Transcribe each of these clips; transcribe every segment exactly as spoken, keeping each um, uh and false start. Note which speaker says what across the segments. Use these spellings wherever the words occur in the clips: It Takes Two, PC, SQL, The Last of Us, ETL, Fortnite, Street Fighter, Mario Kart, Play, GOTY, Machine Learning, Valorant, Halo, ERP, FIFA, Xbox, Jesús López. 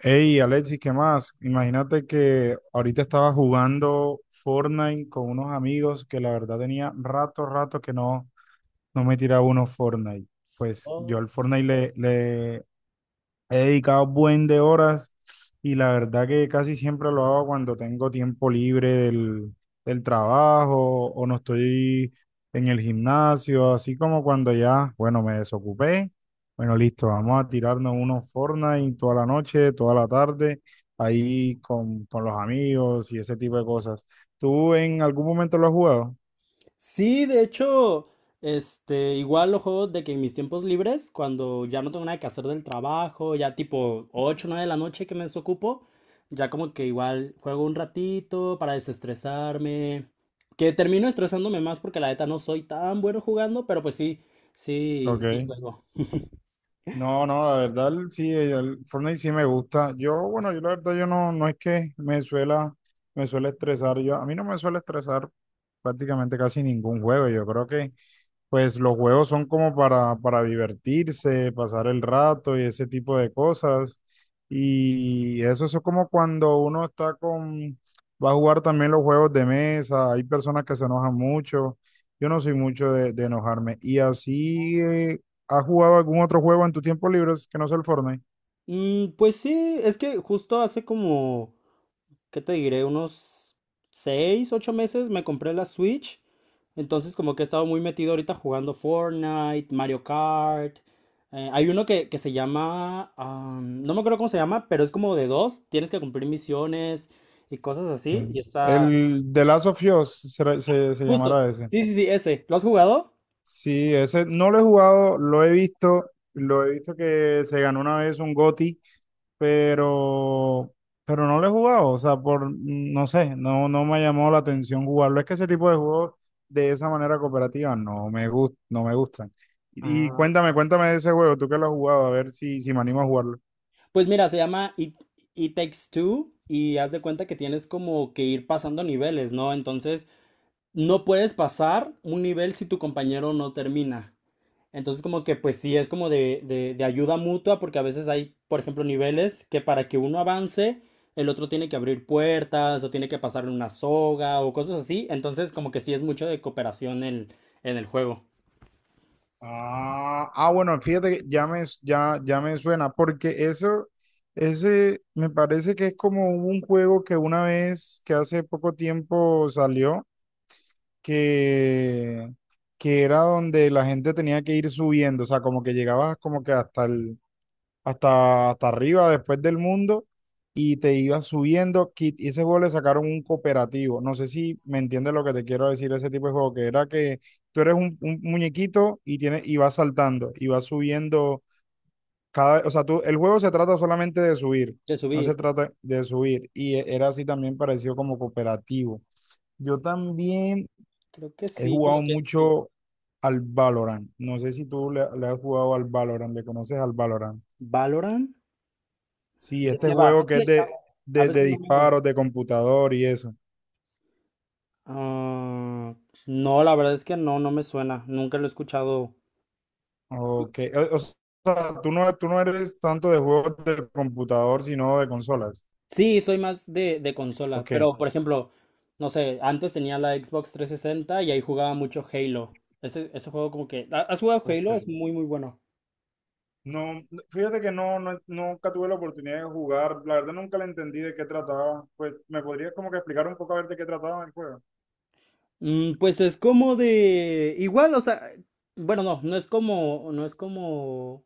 Speaker 1: Hey, Alexis, ¿qué más? Imagínate que ahorita estaba jugando Fortnite con unos amigos que la verdad tenía rato, rato que no, no me tiraba uno Fortnite. Pues yo
Speaker 2: Oh,
Speaker 1: al Fortnite le, le, he dedicado buen de horas, y la verdad que casi siempre lo hago cuando tengo tiempo libre del, del trabajo o no estoy en el gimnasio, así como cuando ya, bueno, me desocupé. Bueno, listo, vamos a tirarnos unos Fortnite toda la noche, toda la tarde, ahí con, con los amigos y ese tipo de cosas. ¿Tú en algún momento lo has jugado?
Speaker 2: sí, de hecho, este, igual lo juego de que en mis tiempos libres, cuando ya no tengo nada que hacer del trabajo, ya tipo ocho o nueve de la noche que me desocupo, ya como que igual juego un ratito para desestresarme, que termino estresándome más porque la neta no soy tan bueno jugando, pero pues sí, sí, sí
Speaker 1: Ok.
Speaker 2: juego.
Speaker 1: No, no, la verdad sí, el Fortnite sí me gusta. Yo, bueno, yo la verdad yo no, no es que me suela, me suele estresar. Yo, a mí no me suele estresar prácticamente casi ningún juego. Yo creo que pues los juegos son como para, para divertirse, pasar el rato y ese tipo de cosas. Y eso, eso es como cuando uno está con, va a jugar también los juegos de mesa. Hay personas que se enojan mucho, yo no soy mucho de, de enojarme. Y así, eh, ¿has jugado algún otro juego en tu tiempo libre que no sea el Fortnite?
Speaker 2: Mm, pues sí, es que justo hace como ¿qué te diré? Unos seis, ocho meses me compré la Switch. Entonces como que he estado muy metido ahorita jugando Fortnite, Mario Kart. Eh, hay uno que, que se llama, ah, no me acuerdo cómo se llama, pero es como de dos. Tienes que cumplir misiones y cosas así. Y
Speaker 1: Bien.
Speaker 2: está
Speaker 1: El The Last of Us será- se, se
Speaker 2: justo.
Speaker 1: llamará ese.
Speaker 2: Sí, sí, sí, ese. ¿Lo has jugado?
Speaker 1: Sí, ese no lo he jugado, lo he visto, lo he visto que se ganó una vez un G O T Y, pero, pero no lo he jugado, o sea, por, no sé, no, no me ha llamado la atención jugarlo. Es que ese tipo de juegos de esa manera cooperativa no me gust, no me gustan. Y, y
Speaker 2: Ah,
Speaker 1: cuéntame, cuéntame de ese juego, tú que lo has jugado, a ver si, si me animo a jugarlo.
Speaker 2: pues mira, se llama It, It Takes Two y haz de cuenta que tienes como que ir pasando niveles, ¿no? Entonces, no puedes pasar un nivel si tu compañero no termina. Entonces como que pues sí es como de, de, de ayuda mutua porque a veces hay, por ejemplo, niveles que para que uno avance, el otro tiene que abrir puertas o tiene que pasarle una soga o cosas así. Entonces como que sí es mucho de cooperación en, en el juego.
Speaker 1: Ah, ah, bueno, fíjate que ya me, ya, ya me suena, porque eso, ese me parece que es como un juego que una vez, que hace poco tiempo salió, que, que era donde la gente tenía que ir subiendo, o sea, como que llegabas como que hasta el, hasta, hasta arriba, después del mundo, y te ibas subiendo. qui- Y ese juego le sacaron un cooperativo. No sé si me entiendes lo que te quiero decir, ese tipo de juego, que era que tú eres un, un muñequito y, tienes, y vas saltando, y vas subiendo cada... O sea, tú, el juego se trata solamente de subir,
Speaker 2: De
Speaker 1: no
Speaker 2: subir.
Speaker 1: se trata de subir. Y e- era así también parecido como cooperativo. Yo también
Speaker 2: Creo que
Speaker 1: he
Speaker 2: sí, como
Speaker 1: jugado
Speaker 2: que sí.
Speaker 1: mucho al Valorant. No sé si tú le, le has jugado al Valorant, le conoces al Valorant.
Speaker 2: ¿Valorant?
Speaker 1: Sí,
Speaker 2: ¿De
Speaker 1: este
Speaker 2: qué va?
Speaker 1: juego
Speaker 2: Es
Speaker 1: que es
Speaker 2: que
Speaker 1: de,
Speaker 2: a
Speaker 1: de, de
Speaker 2: veces no me...
Speaker 1: disparos, de computador y eso.
Speaker 2: Ah, no, la verdad es que no, no me suena. Nunca lo he escuchado.
Speaker 1: Ok. O, o sea, tú no, tú no eres tanto de juegos de computador, sino de consolas.
Speaker 2: Sí, soy más de, de consola,
Speaker 1: Ok.
Speaker 2: pero por ejemplo, no sé, antes tenía la Xbox trescientos sesenta y ahí jugaba mucho Halo. Ese, ese juego como que... ¿ha- ¿Has jugado
Speaker 1: Ok.
Speaker 2: Halo? Es muy, muy bueno.
Speaker 1: No, fíjate que no, no, nunca tuve la oportunidad de jugar. La verdad nunca le entendí de qué trataba. Pues, ¿me podrías como que explicar un poco a ver de qué trataba el juego?
Speaker 2: Mm, pues es como de... Igual, o sea, bueno, no, no es como, no es como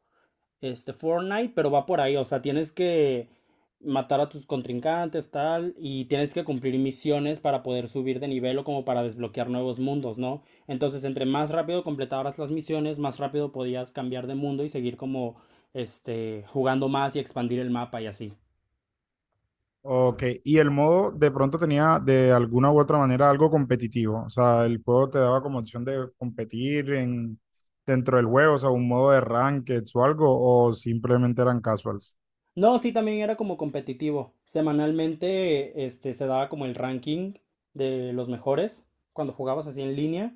Speaker 2: este Fortnite, pero va por ahí, o sea, tienes que matar a tus contrincantes, tal, y tienes que cumplir misiones para poder subir de nivel o como para desbloquear nuevos mundos, ¿no? Entonces, entre más rápido completabas las misiones, más rápido podías cambiar de mundo y seguir como, este, jugando más y expandir el mapa y así.
Speaker 1: Ok, y el modo de pronto tenía de alguna u otra manera algo competitivo, o sea, el juego te daba como opción de competir en, dentro del juego, o sea, un modo de rankeds o algo, o simplemente eran casuals.
Speaker 2: No, sí, también era como competitivo. Semanalmente, este, se daba como el ranking de los mejores cuando jugabas así en línea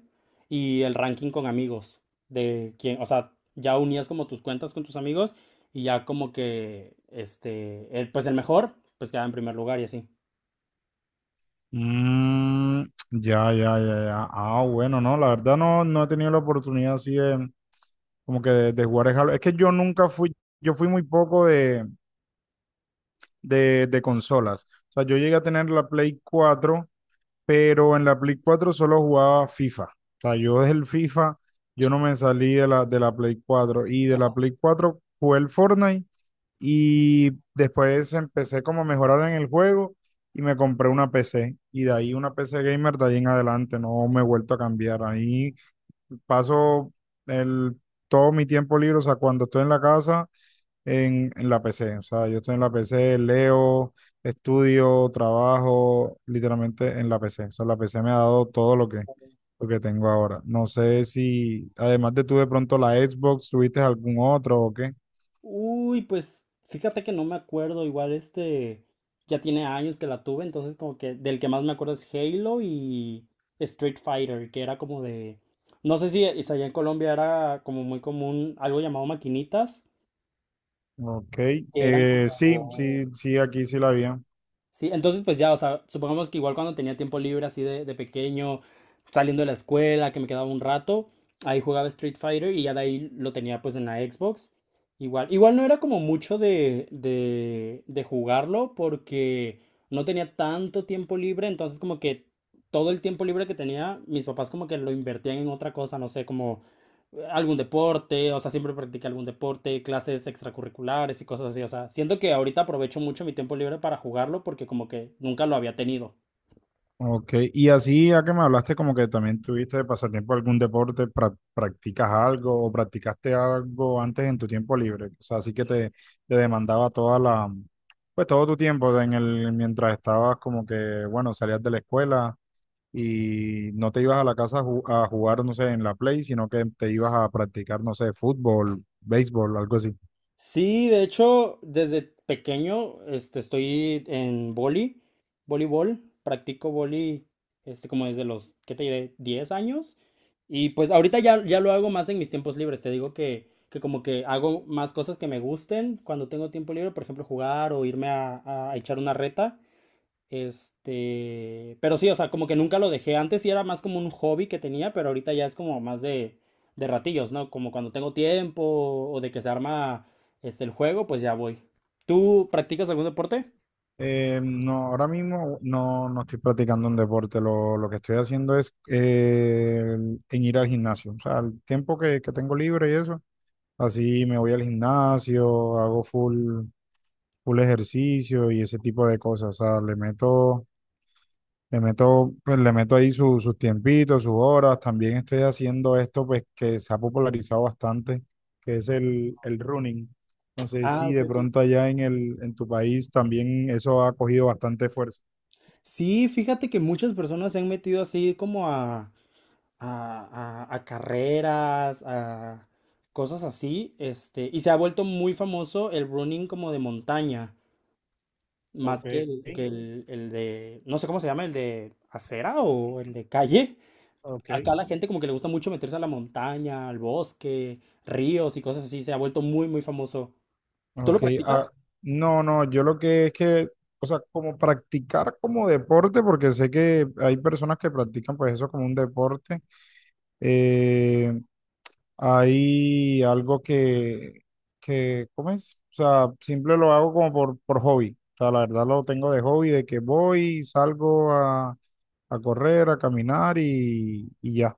Speaker 2: y el ranking con amigos de quién, o sea, ya unías como tus cuentas con tus amigos y ya como que, este, el- pues el mejor, pues quedaba en primer lugar y así.
Speaker 1: Mm, ya, ya, ya, ya. Ah, bueno, no, la verdad no, no he tenido la oportunidad así de, como que de, de jugar el Halo. Es que yo nunca fui, yo fui muy poco de, de, de consolas, o sea, yo llegué a tener la Play cuatro, pero en la Play cuatro solo jugaba FIFA. O sea, yo desde el FIFA, yo no me salí de la, de la Play cuatro, y de la Play cuatro jugué el Fortnite y después empecé como a mejorar en el juego y me compré una P C, y de ahí una P C gamer, de ahí en adelante, no me he vuelto a cambiar. Ahí paso el, todo mi tiempo libre, o sea, cuando estoy en la casa en, en la P C. O sea, yo estoy en la P C, leo, estudio, trabajo, literalmente en la P C. O sea, la P C me ha dado todo lo que, lo que tengo ahora. No sé si, además de tú de pronto la Xbox, tuviste algún otro o qué.
Speaker 2: Uy, pues fíjate que no me acuerdo, igual este ya tiene años que la tuve, entonces como que del que más me acuerdo es Halo y Street Fighter, que era como de, no sé si es allá en Colombia era como muy común algo llamado maquinitas,
Speaker 1: Ok,
Speaker 2: que eran
Speaker 1: eh, sí,
Speaker 2: como...
Speaker 1: sí, sí, aquí sí la vi.
Speaker 2: Sí, entonces pues ya, o sea, supongamos que igual cuando tenía tiempo libre así de, de pequeño, saliendo de la escuela, que me quedaba un rato, ahí jugaba Street Fighter y ya de ahí lo tenía pues en la Xbox. Igual, igual no era como mucho de, de, de jugarlo porque no tenía tanto tiempo libre, entonces como que todo el tiempo libre que tenía, mis papás como que lo invertían en otra cosa, no sé, como algún deporte, o sea, siempre practiqué algún deporte, clases extracurriculares y cosas así, o sea, siento que ahorita aprovecho mucho mi tiempo libre para jugarlo porque como que nunca lo había tenido.
Speaker 1: Ok, y así ya que me hablaste como que también tuviste de pasatiempo algún deporte, pra- practicas algo o practicaste algo antes en tu tiempo libre, o sea, así que te, te demandaba toda la, pues todo tu tiempo en el, mientras estabas como que, bueno, salías de la escuela y no te ibas a la casa a, ju- a jugar, no sé, en la play, sino que te ibas a practicar, no sé, fútbol, béisbol, algo así.
Speaker 2: Sí, de hecho, desde pequeño, este, estoy en vóley, voleibol, practico vóley, este, como desde los, ¿qué te diré? Diez años. Y pues ahorita ya, ya lo hago más en mis tiempos libres, te digo que, que como que hago más cosas que me gusten cuando tengo tiempo libre, por ejemplo, jugar o irme a, a echar una reta. Este, pero sí, o sea, como que nunca lo dejé. Antes sí era más como un hobby que tenía, pero ahorita ya es como más de, de ratillos, ¿no? Como cuando tengo tiempo o de que se arma este el juego, pues ya voy. ¿Tú practicas algún deporte?
Speaker 1: Eh, no, ahora mismo no, no estoy practicando un deporte. Lo, lo que estoy haciendo es eh, en ir al gimnasio. O sea, el tiempo que, que tengo libre y eso, así me voy al gimnasio, hago full, full ejercicio y ese tipo de cosas. O sea, le meto, le meto, pues, le meto ahí su- sus tiempitos, sus horas. También estoy haciendo esto, pues, que se ha popularizado bastante, que es el, el running. No sé
Speaker 2: Ah,
Speaker 1: si
Speaker 2: ok,
Speaker 1: de
Speaker 2: ok.
Speaker 1: pronto allá en el, en tu país también eso ha cogido bastante fuerza.
Speaker 2: Sí, fíjate que muchas personas se han metido así como a, a, a- a carreras, a cosas así, este, y se ha vuelto muy famoso el running como de montaña. Más
Speaker 1: Ok,
Speaker 2: que el, que el, el de, no sé cómo se llama, el de acera o el de calle.
Speaker 1: ok.
Speaker 2: Acá la gente como que le gusta mucho meterse a la montaña, al bosque, ríos y cosas así. Se ha vuelto muy, muy famoso. ¿Tú lo
Speaker 1: Ok, ah,
Speaker 2: practicas?
Speaker 1: no, no, yo lo que es que, o sea, como practicar como deporte, porque sé que hay personas que practican pues eso como un deporte, eh, hay algo que, que, ¿cómo es? O sea, simple lo hago como por, por hobby, o sea, la verdad lo tengo de hobby, de que voy, salgo a, a correr, a caminar y, y ya.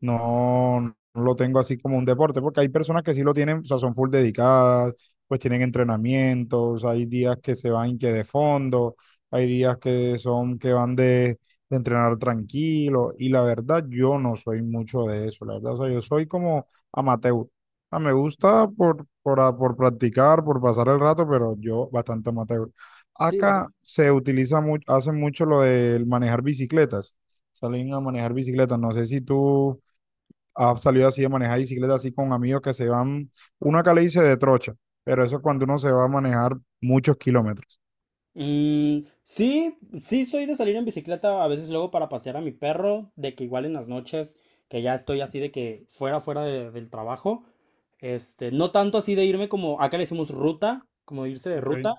Speaker 1: No, no lo tengo así como un deporte, porque hay personas que sí lo tienen, o sea, son full dedicadas, pues tienen entrenamientos, hay días que se van que de fondo, hay días que son que van de, de entrenar tranquilo, y la verdad yo no soy mucho de eso, la verdad, o sea, yo soy como amateur. Ah, me gusta por, por, a- por practicar, por pasar el rato, pero yo bastante amateur.
Speaker 2: Sí, o sea,
Speaker 1: Acá se utiliza mucho, hacen mucho lo del manejar bicicletas, salen a manejar bicicletas, no sé si tú ha salido así de manejar bicicleta así con amigos que se van, uno acá le dice de trocha, pero eso es cuando uno se va a manejar muchos kilómetros.
Speaker 2: mm, sí, sí soy de salir en bicicleta a veces luego para pasear a mi perro, de que igual en las noches, que ya estoy así de que fuera, fuera de- del trabajo. Este, no tanto así de irme como, acá le decimos ruta, como irse de
Speaker 1: Okay.
Speaker 2: ruta.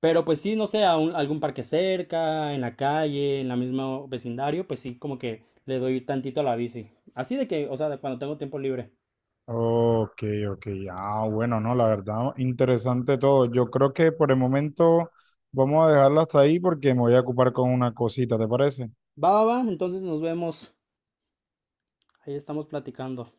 Speaker 2: Pero pues sí, no sé, a un- algún parque cerca, en la calle, en la misma vecindario, pues sí, como que le doy tantito a la bici. Así de que, o sea, de cuando tengo tiempo libre.
Speaker 1: Ok, ok. Ah, bueno, no, la verdad, interesante todo. Yo creo que por el momento vamos a dejarlo hasta ahí porque me voy a ocupar con una cosita, ¿te parece?
Speaker 2: Va, va, va, entonces nos vemos. Ahí estamos platicando.